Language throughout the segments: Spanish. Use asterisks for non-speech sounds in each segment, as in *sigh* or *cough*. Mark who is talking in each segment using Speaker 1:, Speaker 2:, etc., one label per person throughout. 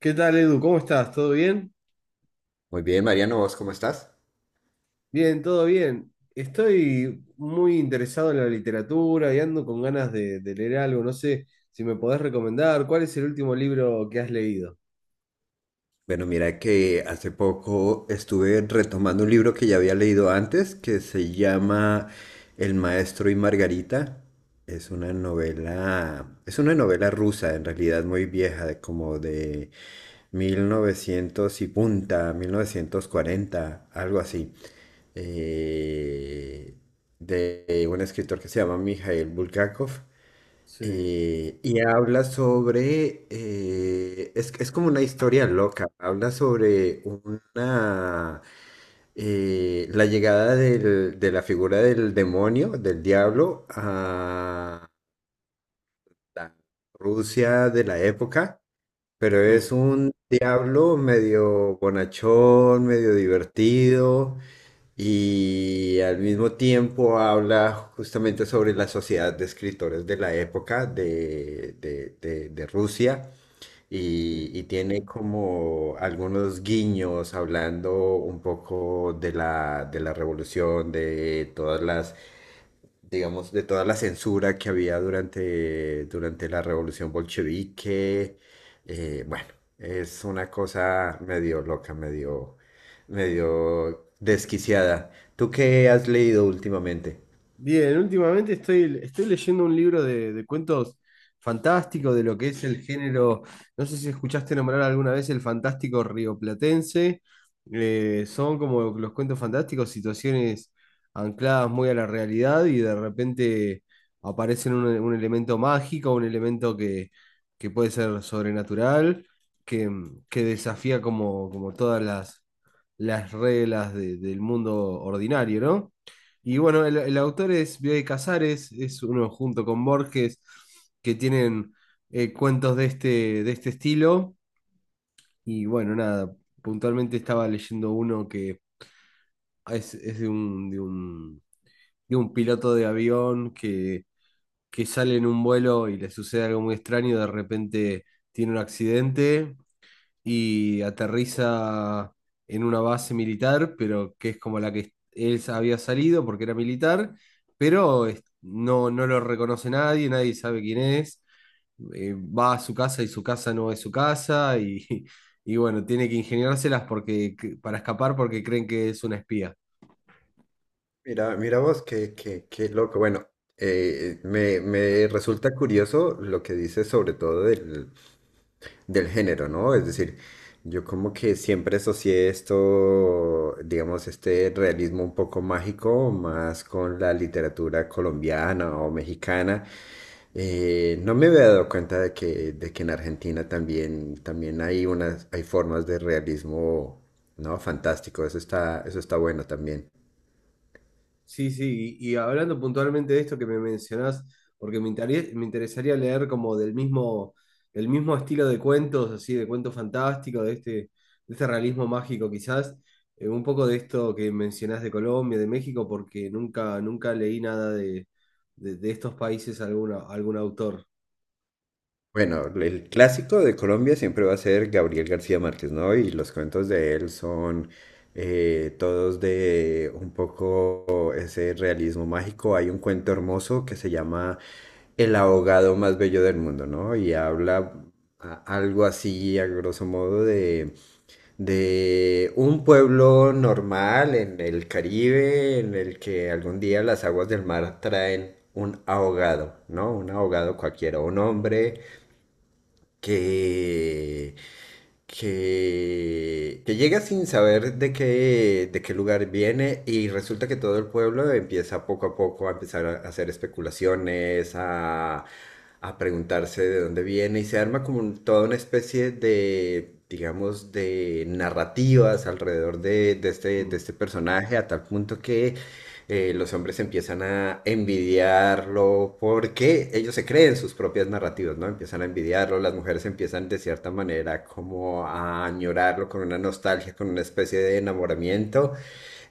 Speaker 1: ¿Qué tal, Edu? ¿Cómo estás? ¿Todo bien?
Speaker 2: Muy bien, Mariano, ¿vos cómo estás?
Speaker 1: Bien, todo bien. Estoy muy interesado en la literatura y ando con ganas de leer algo. No sé si me podés recomendar. ¿Cuál es el último libro que has leído?
Speaker 2: Bueno, mira que hace poco estuve retomando un libro que ya había leído antes, que se llama El maestro y Margarita. Es una novela rusa, en realidad muy vieja, de como de 1900 y punta, 1940, algo así. Eh, de un escritor que se llama Mikhail Bulgakov.
Speaker 1: Sí.
Speaker 2: Y habla sobre, es como una historia loca, habla sobre una, la llegada de la figura del demonio, del diablo, a la Rusia de la época, pero es
Speaker 1: Mm,
Speaker 2: un diablo medio bonachón, medio divertido, y al mismo tiempo habla justamente sobre la sociedad de escritores de la época de Rusia
Speaker 1: sí.
Speaker 2: y tiene como algunos guiños hablando un poco de de la revolución, de todas las digamos, de toda la censura que había durante la revolución bolchevique. Bueno, es una cosa medio loca, medio desquiciada. ¿Tú qué has leído últimamente?
Speaker 1: Bien, últimamente estoy leyendo un libro de cuentos fantásticos de lo que es el género. No sé si escuchaste nombrar alguna vez el fantástico rioplatense. Son como los cuentos fantásticos, situaciones ancladas muy a la realidad y de repente aparecen un elemento mágico, un elemento que puede ser sobrenatural, que, que desafía como, como todas las reglas del mundo ordinario, ¿no? Y bueno, el autor es Bioy Casares, es uno junto con Borges, que tienen cuentos de este estilo. Y bueno, nada, puntualmente estaba leyendo uno que es de un piloto de avión que sale en un vuelo y le sucede algo muy extraño, de repente tiene un accidente y aterriza en una base militar, pero que es como la que él había salido porque era militar, pero no, no lo reconoce nadie, nadie sabe quién es. Va a su casa y su casa no es su casa y, *laughs* y bueno, tiene que ingeniárselas porque, para escapar porque creen que es una espía.
Speaker 2: Mira vos, qué loco. Bueno, me resulta curioso lo que dices sobre todo del género, ¿no? Es decir, yo como que siempre asocié esto, digamos, este realismo un poco mágico, más con la literatura colombiana o mexicana. No me había dado cuenta de que en Argentina también, también hay unas, hay formas de realismo, ¿no? Fantástico, eso está bueno también.
Speaker 1: Sí, sí, y hablando puntualmente de esto que me mencionás, porque me interesaría leer como del mismo estilo de cuentos, así, de cuento fantástico, de este realismo mágico quizás, un poco de esto que mencionás de Colombia, de México, porque nunca, nunca leí nada de estos países, alguna, algún autor.
Speaker 2: Bueno, el clásico de Colombia siempre va a ser Gabriel García Márquez, ¿no? Y los cuentos de él son todos de un poco ese realismo mágico. Hay un cuento hermoso que se llama El ahogado más bello del mundo, ¿no? Y habla algo así, a grosso modo, de un pueblo normal en el Caribe, en el que algún día las aguas del mar traen un ahogado, ¿no? Un ahogado cualquiera, un
Speaker 1: Mm,
Speaker 2: hombre que, que llega sin saber de qué lugar viene y resulta que todo el pueblo empieza poco a poco a empezar a hacer especulaciones, a preguntarse de dónde viene y se arma como toda una especie de, digamos, de narrativas alrededor de
Speaker 1: mm,
Speaker 2: este personaje a tal punto que los hombres empiezan a envidiarlo porque ellos se creen sus propias narrativas, ¿no? Empiezan a envidiarlo, las mujeres empiezan de cierta manera como a añorarlo con una nostalgia, con una especie de enamoramiento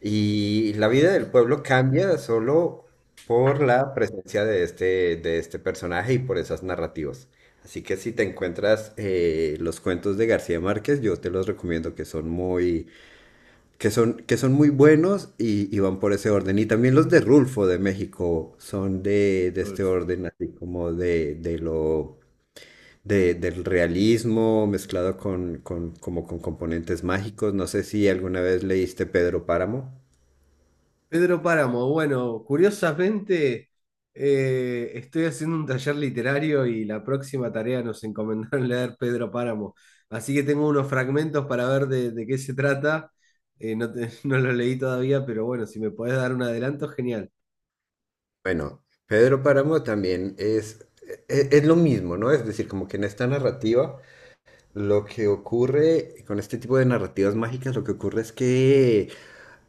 Speaker 2: y la vida del pueblo cambia solo por la presencia de este personaje y por esas narrativas. Así que si te encuentras los cuentos de García Márquez, yo te los recomiendo que son que son muy buenos y van por ese orden. Y también los de Rulfo de México son de este
Speaker 1: Rodolfo.
Speaker 2: orden, así como del realismo mezclado como con componentes mágicos. No sé si alguna vez leíste Pedro Páramo.
Speaker 1: Pedro Páramo, bueno, curiosamente estoy haciendo un taller literario y la próxima tarea nos encomendaron *laughs* leer Pedro Páramo, así que tengo unos fragmentos para ver de qué se trata. No, *laughs* no lo leí todavía, pero bueno, si me podés dar un adelanto, genial.
Speaker 2: Bueno, Pedro Páramo también es, es lo mismo, ¿no? Es decir, como que en esta narrativa, lo que ocurre con este tipo de narrativas mágicas, lo que ocurre es que...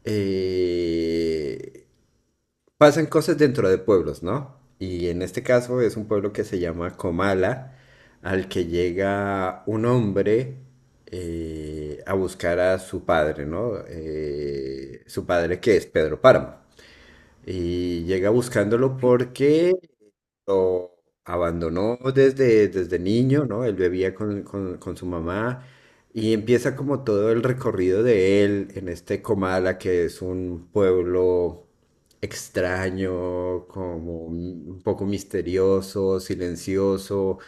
Speaker 2: eh, pasan cosas dentro de pueblos, ¿no? Y en este caso es un pueblo que se llama Comala, al que llega un hombre a buscar a su padre, ¿no? Su padre que es Pedro Páramo. Y llega buscándolo porque lo abandonó desde niño, ¿no? Él bebía con su mamá y empieza como todo el recorrido de él en este Comala, que es un pueblo extraño, como un poco misterioso, silencioso,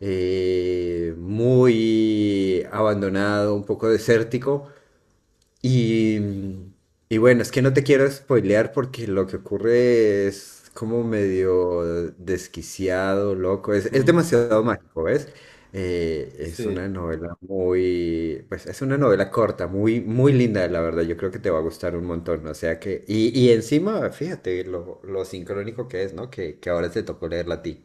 Speaker 2: muy abandonado, un poco desértico. Y, y bueno, es que no te quiero spoilear porque lo que ocurre es como medio desquiciado, loco. Es
Speaker 1: Mm,
Speaker 2: demasiado mágico, ¿ves? Es
Speaker 1: sí.
Speaker 2: una novela muy, pues es una novela corta, muy linda, la verdad. Yo creo que te va a gustar un montón. O sea que, y encima, fíjate lo sincrónico que es, ¿no? Que ahora te tocó leerla a ti.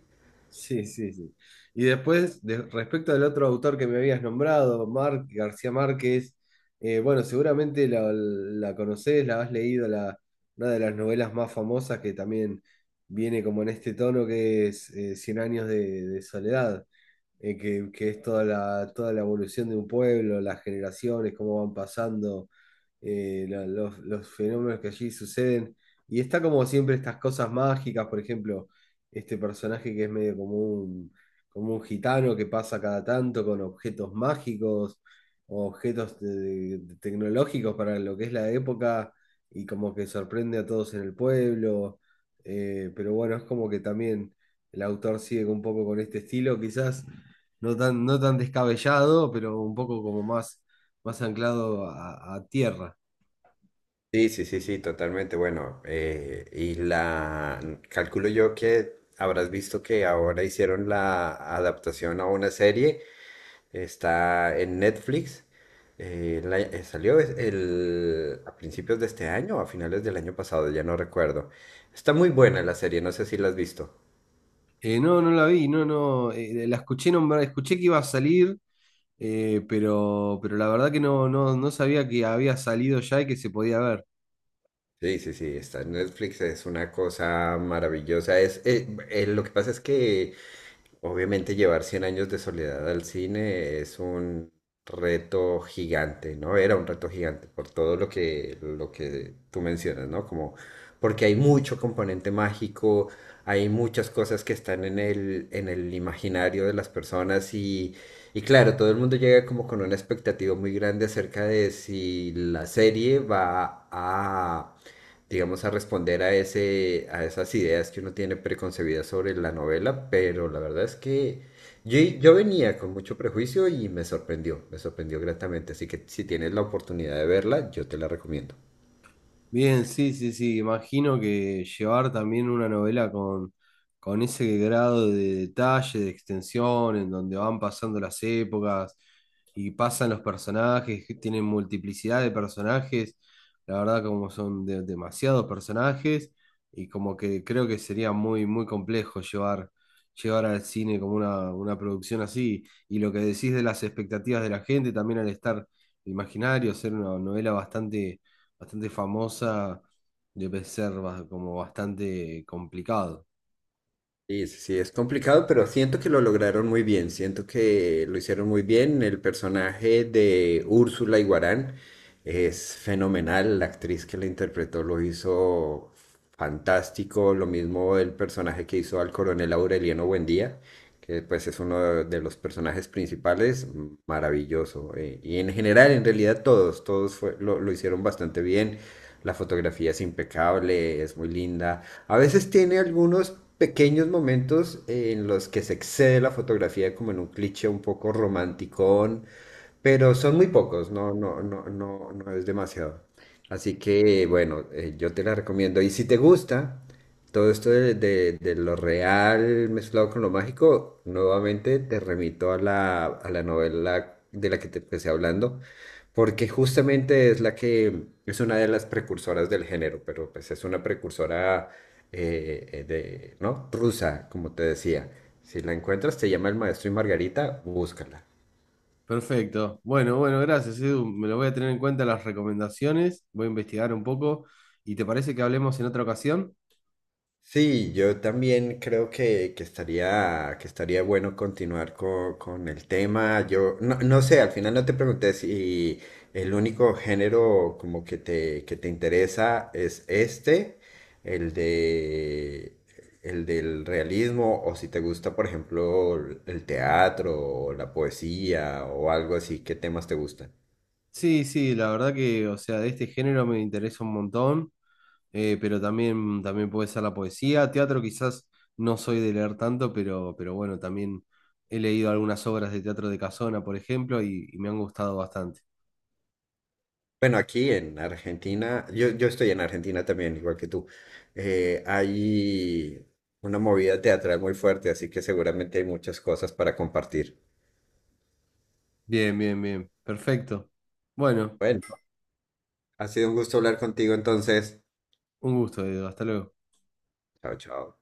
Speaker 1: Sí, sí, sí. Y después, respecto al otro autor que me habías nombrado, García Márquez, bueno, seguramente la conocés, la has leído, la, una de las novelas más famosas que también viene como en este tono que es Cien años de soledad, que es toda la evolución de un pueblo, las generaciones, cómo van pasando los fenómenos que allí suceden. Y está como siempre estas cosas mágicas, por ejemplo, este personaje que es medio como un gitano que pasa cada tanto con objetos mágicos, o objetos tecnológicos para lo que es la época, y como que sorprende a todos en el pueblo. Pero bueno, es como que también el autor sigue un poco con este estilo, quizás no tan, no tan descabellado, pero un poco como más, más anclado a tierra.
Speaker 2: Sí, sí, sí, sí, totalmente. Bueno, y la calculo yo que habrás visto que ahora hicieron la adaptación a una serie. Está en Netflix. A principios de este año o a finales del año pasado, ya no recuerdo. Está muy buena la serie, no sé si la has visto.
Speaker 1: No, no la vi, no, no, la escuché nombrar, escuché que iba a salir, pero la verdad que no, no, no sabía que había salido ya y que se podía ver.
Speaker 2: Sí, sí, sí, está en Netflix, es una cosa maravillosa. Lo que pasa es que obviamente llevar Cien años de soledad al cine es un reto gigante, ¿no? Era un reto gigante por todo lo que tú mencionas, ¿no? Como porque hay mucho componente mágico, hay muchas cosas que están en el imaginario de las personas y claro, todo el mundo llega como con una expectativa muy grande acerca de si la serie va a digamos, a responder a ese, a esas ideas que uno tiene preconcebidas sobre la novela, pero la verdad es que yo venía con mucho prejuicio y me sorprendió gratamente, así que si tienes la oportunidad de verla, yo te la recomiendo.
Speaker 1: Bien, sí, sí, sí. Imagino que llevar también una novela con ese grado de detalle, de extensión, en donde van pasando las épocas y pasan los personajes, que tienen multiplicidad de personajes, la verdad como son demasiados personajes y como que creo que sería muy, muy complejo llevar, llevar al cine como una producción así. Y lo que decís de las expectativas de la gente, también al estar imaginario, ser una novela bastante bastante famosa de Pecerva, como bastante complicado.
Speaker 2: Sí, sí, sí, es complicado, pero siento que lo lograron muy bien, siento que lo hicieron muy bien. El personaje de Úrsula Iguarán es fenomenal, la actriz que la interpretó lo hizo fantástico, lo mismo el personaje que hizo al coronel Aureliano Buendía, que pues es uno de los personajes principales, maravilloso. Y en general, en realidad todos, lo hicieron bastante bien. La fotografía es impecable, es muy linda. A veces tiene algunos pequeños momentos en los que se excede la fotografía como en un cliché un poco romanticón, pero son muy pocos, no, no, no, no, no es demasiado. Así que bueno, yo te la recomiendo. Y si te gusta todo esto de lo real mezclado con lo mágico, nuevamente te remito a a la novela de la que te empecé hablando, porque justamente es la que es una de las precursoras del género, pero pues es una precursora ¿no? Rusa, como te decía. Si la encuentras, te llama El Maestro y Margarita, búscala.
Speaker 1: Perfecto. Bueno, bueno, gracias, Edu. Me lo voy a tener en cuenta las recomendaciones, voy a investigar un poco. ¿Y te parece que hablemos en otra ocasión?
Speaker 2: Sí, yo también creo que estaría bueno continuar con el tema. Yo no, no sé, al final no te pregunté si el único género como que te interesa es este, el de, el del realismo, o si te gusta, por ejemplo, el teatro, o la poesía, o algo así, ¿qué temas te gustan?
Speaker 1: Sí, sí, la verdad que, o sea, de este género me interesa un montón, pero también, también puede ser la poesía. Teatro quizás no soy de leer tanto, pero bueno, también he leído algunas obras de teatro de Casona, por ejemplo, y me han gustado bastante.
Speaker 2: Bueno, aquí en Argentina, yo estoy en Argentina también, igual que tú. Hay una movida teatral muy fuerte, así que seguramente hay muchas cosas para compartir.
Speaker 1: Bien, bien, bien. Perfecto. Bueno.
Speaker 2: Bueno, ha sido un gusto hablar contigo entonces.
Speaker 1: Un gusto, Edu. Hasta luego.
Speaker 2: Chao, chao.